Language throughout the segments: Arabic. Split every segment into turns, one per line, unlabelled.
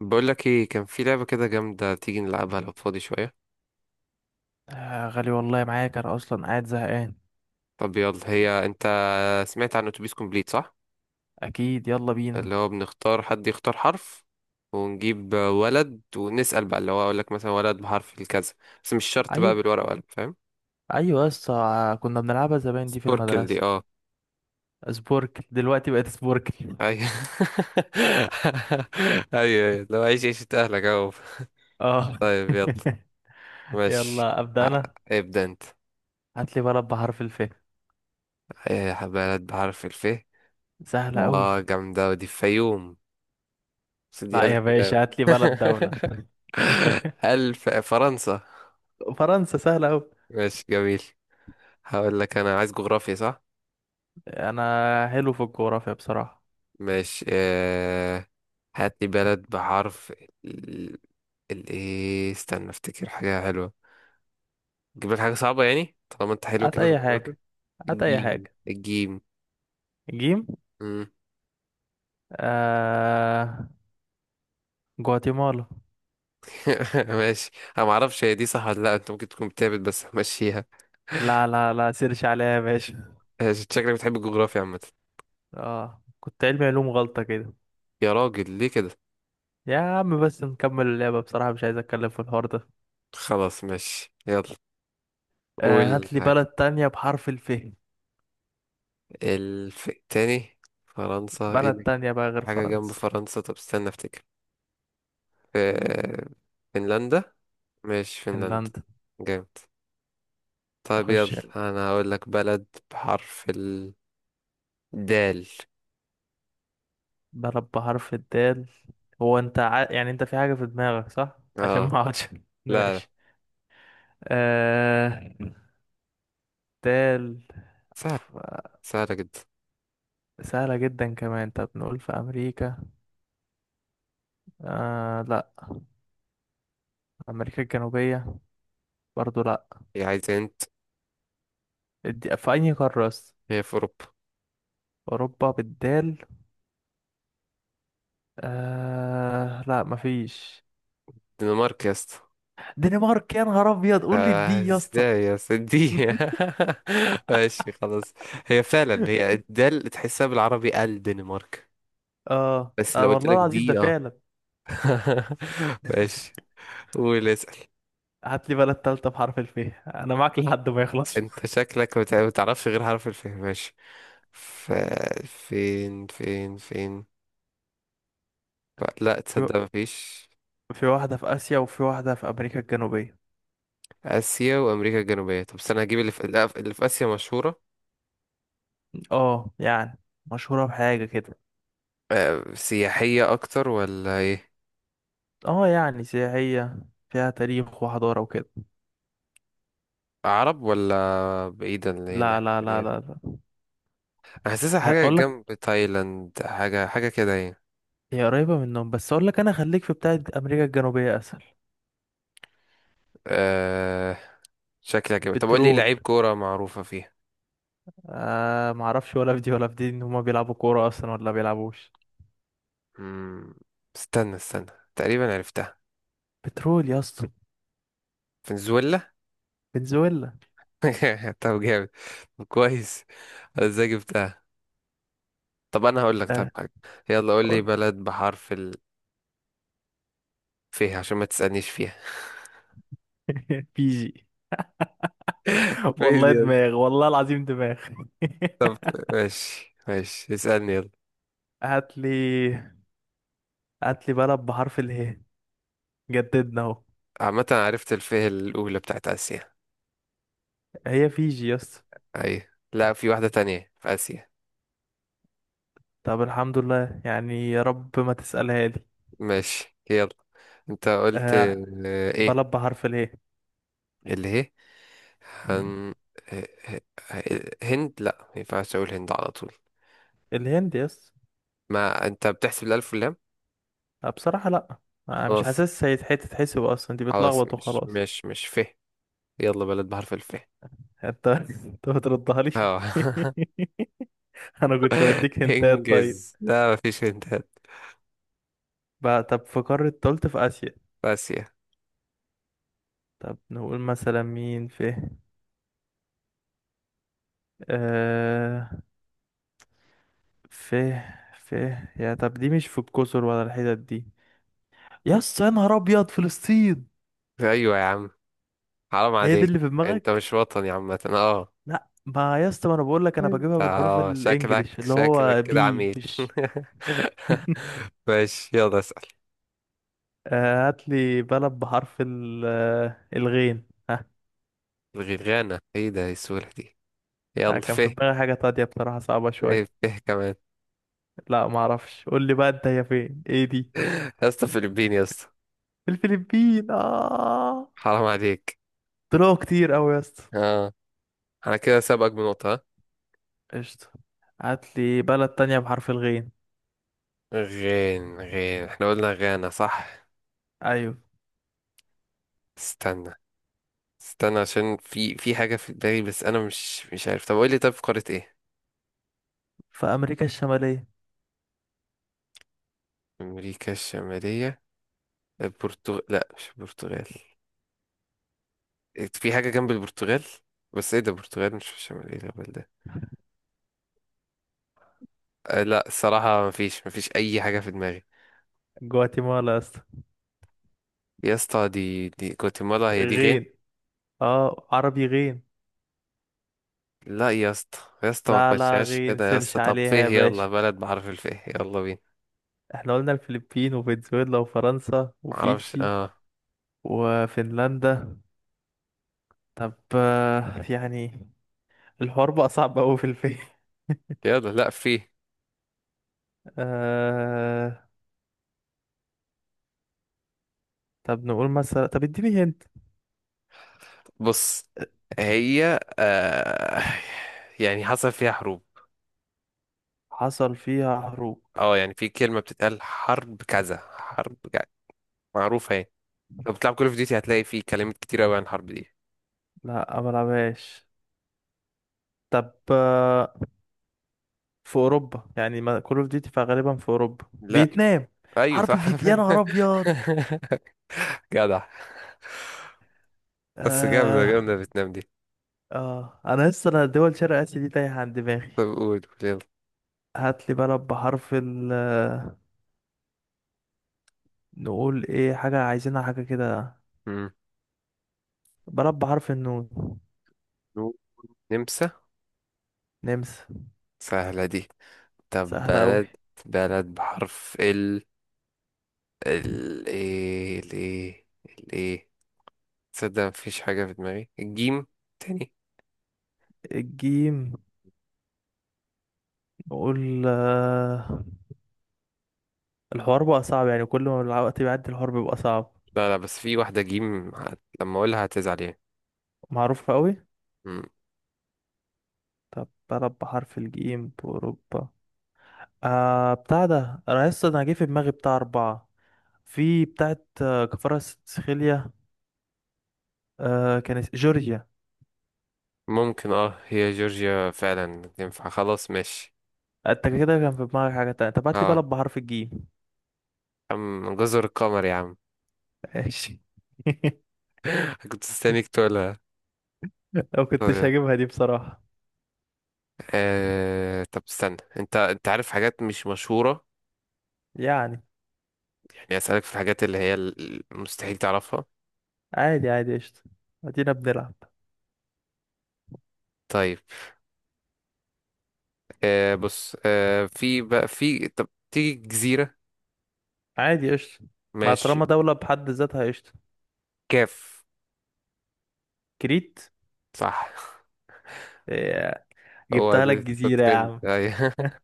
بقول لك ايه، كان في لعبة كده جامدة تيجي نلعبها لو فاضي شوية.
آه، غالي والله معاك، انا اصلا قاعد زهقان.
طب يلا. هي انت سمعت عن اتوبيس كومبليت صح؟
اكيد، يلا بينا.
اللي هو بنختار حد يختار حرف ونجيب ولد ونسأل بقى، اللي هو اقول لك مثلا ولد بحرف الكذا. بس مش شرط بقى
ايوه،
بالورقة وقلم، فاهم؟
ايوه، يس. كنا بنلعبها زمان دي في
سبوركل دي
المدرسه.
اه.
سبوركل دلوقتي بقت سبوركل،
ايوه. ايوه، لو عيش عيشة اهلك اهو.
اه.
طيب يلا. ماشي.
يلا، ابدا
ه-
انا.
ابدأ انت.
هات لي بلد بحرف الف.
ايه بلد بحرف الف؟
سهله قوي.
اه جامدة، ودي في فيوم سيدي
لا
ألف
يا
كلام.
باشا، هات لي بلد دوله.
ألف فرنسا.
فرنسا سهله قوي.
ماشي جميل. هقول لك أنا عايز جغرافيا صح؟
انا حلو في الجغرافيا بصراحه.
ماشي. هات لي بلد بحرف ال. إيه استنى أفتكر حاجة حلوة. تجيب لك حاجة صعبة يعني، طالما أنت حلو
هات
كده في
اي
الجغرافيا.
حاجه. هات اي
الجيم
حاجه.
الجيم.
جيم.
مم.
آه... جواتيمالا.
ماشي. أنا معرفش هي دي صح ولا لأ، أنت ممكن تكون بتهبط بس ماشيها.
لا، لا، لا، سيرش عليها يا باشا.
ماشي، شكلك بتحب الجغرافيا عامة.
اه، كنت علمي علوم غلطة كده.
يا راجل ليه كده؟
يا عم بس نكمل اللعبة بصراحة، مش عايز اتكلم في الحوار ده.
خلاص ماشي يلا.
آه،
قول
هات لي
حاجة.
بلد تانية بحرف الف.
الف... تاني. فرنسا ايه
بلد
اللي.
تانية بقى غير
حاجة جنب
فرنسا.
فرنسا، طب استنى افتكر. في. فنلندا. مش فنلندا.
فنلندا.
جامد. طيب
اخش.
يلا. انا هقول لك بلد بحرف الدال.
بلد بحرف الدال. هو انت يعني انت في حاجة في دماغك صح، عشان
اه.
ما اقعدش.
لا لا.
ماشي. آه، دال.
سهل.
أف-
سهلة جدا.
سهلة جدا كمان. طب نقول في امريكا. آه، لا، امريكا الجنوبية. برضو لا.
هي عايزة انت.
دي في اي قارة أصلاً؟
هي في اوروبا.
اوروبا بالدال. آه، لا مفيش.
الدنمارك يا اسطى.
دنمارك، يا نهار ابيض قول لي
آه،
الدي يا اسطى.
ازاي يا سيدي. ماشي خلاص. هي فعلا هي الدال، تحسها بالعربي الدنمارك.
اه،
بس لو
آه،
قلت
والله
لك
العظيم ده
دي اه.
فعلا.
ماشي. قول اسأل.
هات لي بلد تالتة بحرف الف. انا معاك لحد ما يخلص.
انت شكلك ما تعرفش غير حرف الف، ماشي. ف... فين فين فين. لا
في
تصدق مفيش.
في واحدة في آسيا وفي واحدة في أمريكا الجنوبية.
آسيا وأمريكا الجنوبية. طب استنى هجيب اللي في، لا، اللي في آسيا مشهورة.
اه، يعني مشهورة بحاجة كده.
آه، سياحية أكتر ولا إيه؟
اه، يعني سياحية. فيها تاريخ وحضارة وكده.
عرب ولا بعيدا، اللي هي
لا،
الناحية
لا، لا،
التانية.
لا، لا.
أنا حاسسها حاجة
هقول لك.
جنب تايلاند، حاجة حاجة كده يعني.
هي قريبة منهم، بس اقول لك انا خليك في بتاعة أمريكا الجنوبية اسهل.
أه... شكلها كده. طب قول لي
بترول.
لعيب كورة معروفة فيها.
آه، ما اعرفش ولا في دي ولا في دي، ان هما بيلعبوا كوره اصلا ولا بيلعبوش.
مم، استنى استنى تقريبا عرفتها.
بترول يا اسطى.
فنزويلا.
فنزويلا.
طب جامد. طب كويس، أنا ازاي جبتها. طب انا هقول لك، طب
اه،
حاجه. يلا قول لي
قول.
بلد بحرف ال. فيها، عشان ما تسالنيش فيها.
بيجي.
ليه دي
والله
يلا؟
دماغ، والله العظيم دماغ.
طب ماشي ماشي، اسالني يلا.
هات لي هات لي بلد بحرف اله. جددنا اهو.
عامه أنا عرفت الفيه الاولى بتاعت اسيا.
هي فيجي يا اسطى.
اي، لا، في واحده تانية في اسيا.
طب الحمد لله يعني، يا رب ما تسألها لي.
ماشي يلا. انت قلت
آه،
آه، ايه.
بلد بحرف اله.
اللي هي.
مم.
هن... آه، آه، آه، هند، لا ما ينفعش اقول هند على طول.
الهند يا اسطى.
ما انت بتحسب الالف واللام.
آه، بصراحة لا. مش
خلاص.
حاسس هيتحسب اصلا، دي
خلاص
بتلخبط
مش
وخلاص.
مش مش فيه. يلا بلد بحرف الف.
انت بتردها لي.
اه.
انا كنت بديك هنتات، طيب.
انجز ده مفيش هنتات.
بقى طب في قارة تالت في اسيا.
اسيا.
طب نقول مثلا مين في. آه في في يا طب، دي مش في الجزر ولا الحتت دي. يا اسطى، يا نهار ابيض، فلسطين.
ايوه يا عم. حرام
هي دي
عليك.
اللي في
انت
دماغك؟
مش وطني عامة اه.
لا، ما يا اسطى، ما انا بقول لك انا بجيبها بالحروف
اه شكلك
الانجليش اللي هو
كده
بي،
عميل.
مش.
ماشي يلا اسأل.
آه، هات لي بلد بحرف الغين، ها؟
الغرغانة، ايه ده إيه السهولة دي. يلا
كان في
فه.
دماغي حاجة تانية بصراحة، صعبة
ليه
شوية.
فه كمان.
لا، ما اعرفش، قول لي بقى انت، هي فين، ايه دي؟
يا اسطى فلبين يا اسطى.
الفلبين، اه.
حرام عليك.
طلعوا كتير قوي يا اسطى.
اه، انا كده سابقك بنقطة ها؟
قشطة. هات لي بلد تانية بحرف الغين.
غين غين، احنا قلنا غانا صح.
ايوه.
استنى استنى عشان في حاجة في دماغي، بس أنا مش عارف. طب قول لي، طب في قارة إيه؟
في امريكا الشمالية.
أمريكا الشمالية. البرتغال، لأ مش البرتغال. إيه، في حاجة جنب البرتغال، بس إيه ده البرتغال مش في الشمالية ده، بل ده. أه لأ الصراحة مفيش، مفيش أي حاجة في دماغي.
جواتيمالا يا اسطى.
يا اسطى دي جواتيمالا، هي دي غين؟
غين، اه، عربي غين.
لأ يا اسطى، يا اسطى ما
لا، لا
تمشيهاش
غين،
كده يا
سيرش
اسطى. طب
عليها
فيه،
يا
يلا
باشا.
بلد بعرف الفيه، يلا بينا.
احنا قلنا الفلبين وفنزويلا وفرنسا
معرفش
وفيجي
اه.
وفنلندا. طب، يعني الحوار بقى صعب قوي في الفيلم.
يلا، لأ فيه.
آه... طب نقول مثلا، طب اديني هنت.
بص، هي آه يعني حصل فيها حروب.
حصل فيها حروب.
اه يعني في كلمة بتتقال حرب كذا حرب كذا، معروفة يعني. لو بتلعب كول اوف ديوتي هتلاقي في كلمات كتير قوي عن الحرب دي.
لا، ما بلعبهاش. طب، في اوروبا يعني، ما كول اوف ديوتي فغالبا في اوروبا.
لا.
فيتنام.
ايوه
حرب
صح.
فيت، يا نهار ابيض.
جدع. بس جامدة
آه.
جامدة فيتنام دي.
آه أنا لسه دول شرق آسيا دي تايهة عن
طب
دماغي.
قول قول يلا.
هات لي بلد بحرف ال، نقول إيه، حاجة عايزينها حاجة كده.
مم.
بلد بحرف النون.
نمسا.
نمسا.
سهلة دي. طب
سهلة أوي.
بلد. بلد بحرف ال. ال ايه ال ايه. ال ايه. تصدق مفيش حاجة في دماغي، الجيم تاني.
الجيم. نقول الحوار بقى صعب يعني، كل ما الوقت بيعدي الحوار بيبقى صعب.
لا لا، بس في واحدة جيم لما اقولها هتزعل
معروفة أوي.
يعني.
طب بلد بحرف الجيم بأوروبا. بتاع ده، أنا لسه جه في دماغي بتاع أربعة. في بتاعت كفارة سخيليا. آه، كانت جورجيا.
ممكن اه، هي جورجيا فعلا تنفع خلاص، ماشي.
آه، أنت كده كان في دماغك حاجة تانية، طب هات لي
اه،
بلد بحرف الجيم.
عم جزر القمر يا عم.
ماشي.
كنت مستنيك تقولها.
لو كنتش
طيب.
هجيبها دي بصراحة.
آه... طب استنى، انت عارف حاجات مش مشهورة
يعني،
يعني، اسألك في الحاجات اللي هي مستحيل تعرفها.
عادي عادي، قشطة. أدينا بنلعب.
طيب. آه بص، آه في بقى في، طب تيجي جزيرة.
عادي قشطة. ما
ماشي.
طالما دولة بحد ذاتها، قشطة.
كاف.
كريت.
صح.
آه،
هو
جبتها لك
ده.
جزيرة يا
ترند
عم.
ايوه.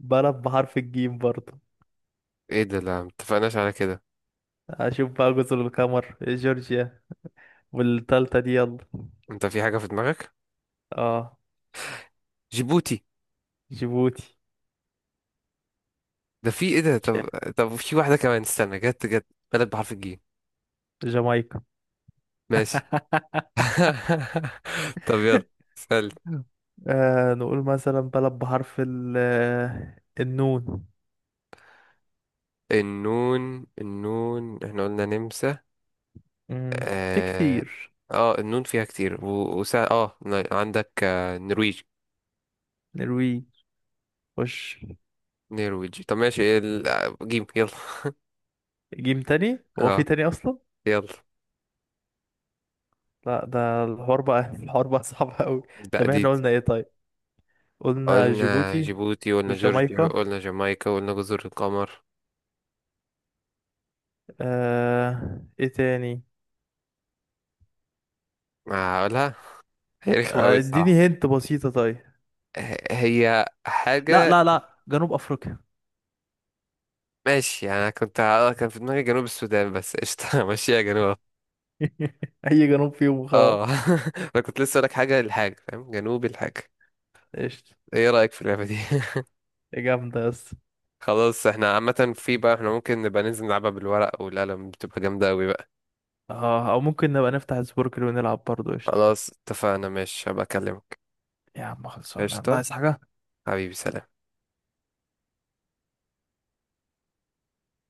بلد بحرف الجيم برضه.
ايه ده، لا متفقناش على كده.
اشوف بقى، جزر القمر، جورجيا. والتالتة دي يلا.
انت في حاجة في دماغك.
اه.
جيبوتي.
جيبوتي.
ده في ايه ده طب. طب في واحدة كمان، استنى جت جت. بلد بحرف الجيم.
جامايكا.
ماشي. طب يلا. سألت.
آه، نقول مثلا بلد بحرف ال النون.
النون، النون احنا قلنا نمسا.
في
اه.
كتير.
آه النون فيها كتير، و... وسا... عندك آه نرويج.
نرويج. وش.
نرويج. طب ماشي. إيه ال... آه، جيم يلا.
جيم تاني؟ هو في
اه.
تاني اصلا؟
يلا.
لا، ده الحوار بقى. الحوار بقى صعب قوي.
لا
طب،
دي
احنا
دي.
قلنا ايه؟ طيب. قلنا
قلنا
جيبوتي
جيبوتي، قلنا جورجيا،
وجامايكا.
قلنا جامايكا، قلنا جزر القمر.
آه، ايه تاني؟
آه، اقولها. هي رخمة أوي
آه،
الصراحة.
اديني هنت بسيطة طيب.
هي
لا،
حاجة.
لا، لا، جنوب افريقيا.
ماشي يعني، أنا كنت اه كان في دماغي جنوب السودان، بس قشطة. ماشي يا جنوب.
اي جنوب فيهم
اه
وخلاص.
انا كنت لسه لك حاجة للحاجة، فاهم، جنوب الحاجة.
قشطة.
ايه رأيك في اللعبة دي؟
يا جامدة يا اسطى.
خلاص، احنا عامة في بقى، احنا ممكن نبقى ننزل نلعبها بالورق والقلم، بتبقى جامدة اوي بقى.
اه، او ممكن نبقى نفتح سبوركل ونلعب برضه، قشطة.
خلاص اتفقنا. ماشي، هبقى اكلمك.
يا عم خلصانه، الله،
قشطة.
عايز حاجه؟
حبيبي سلام.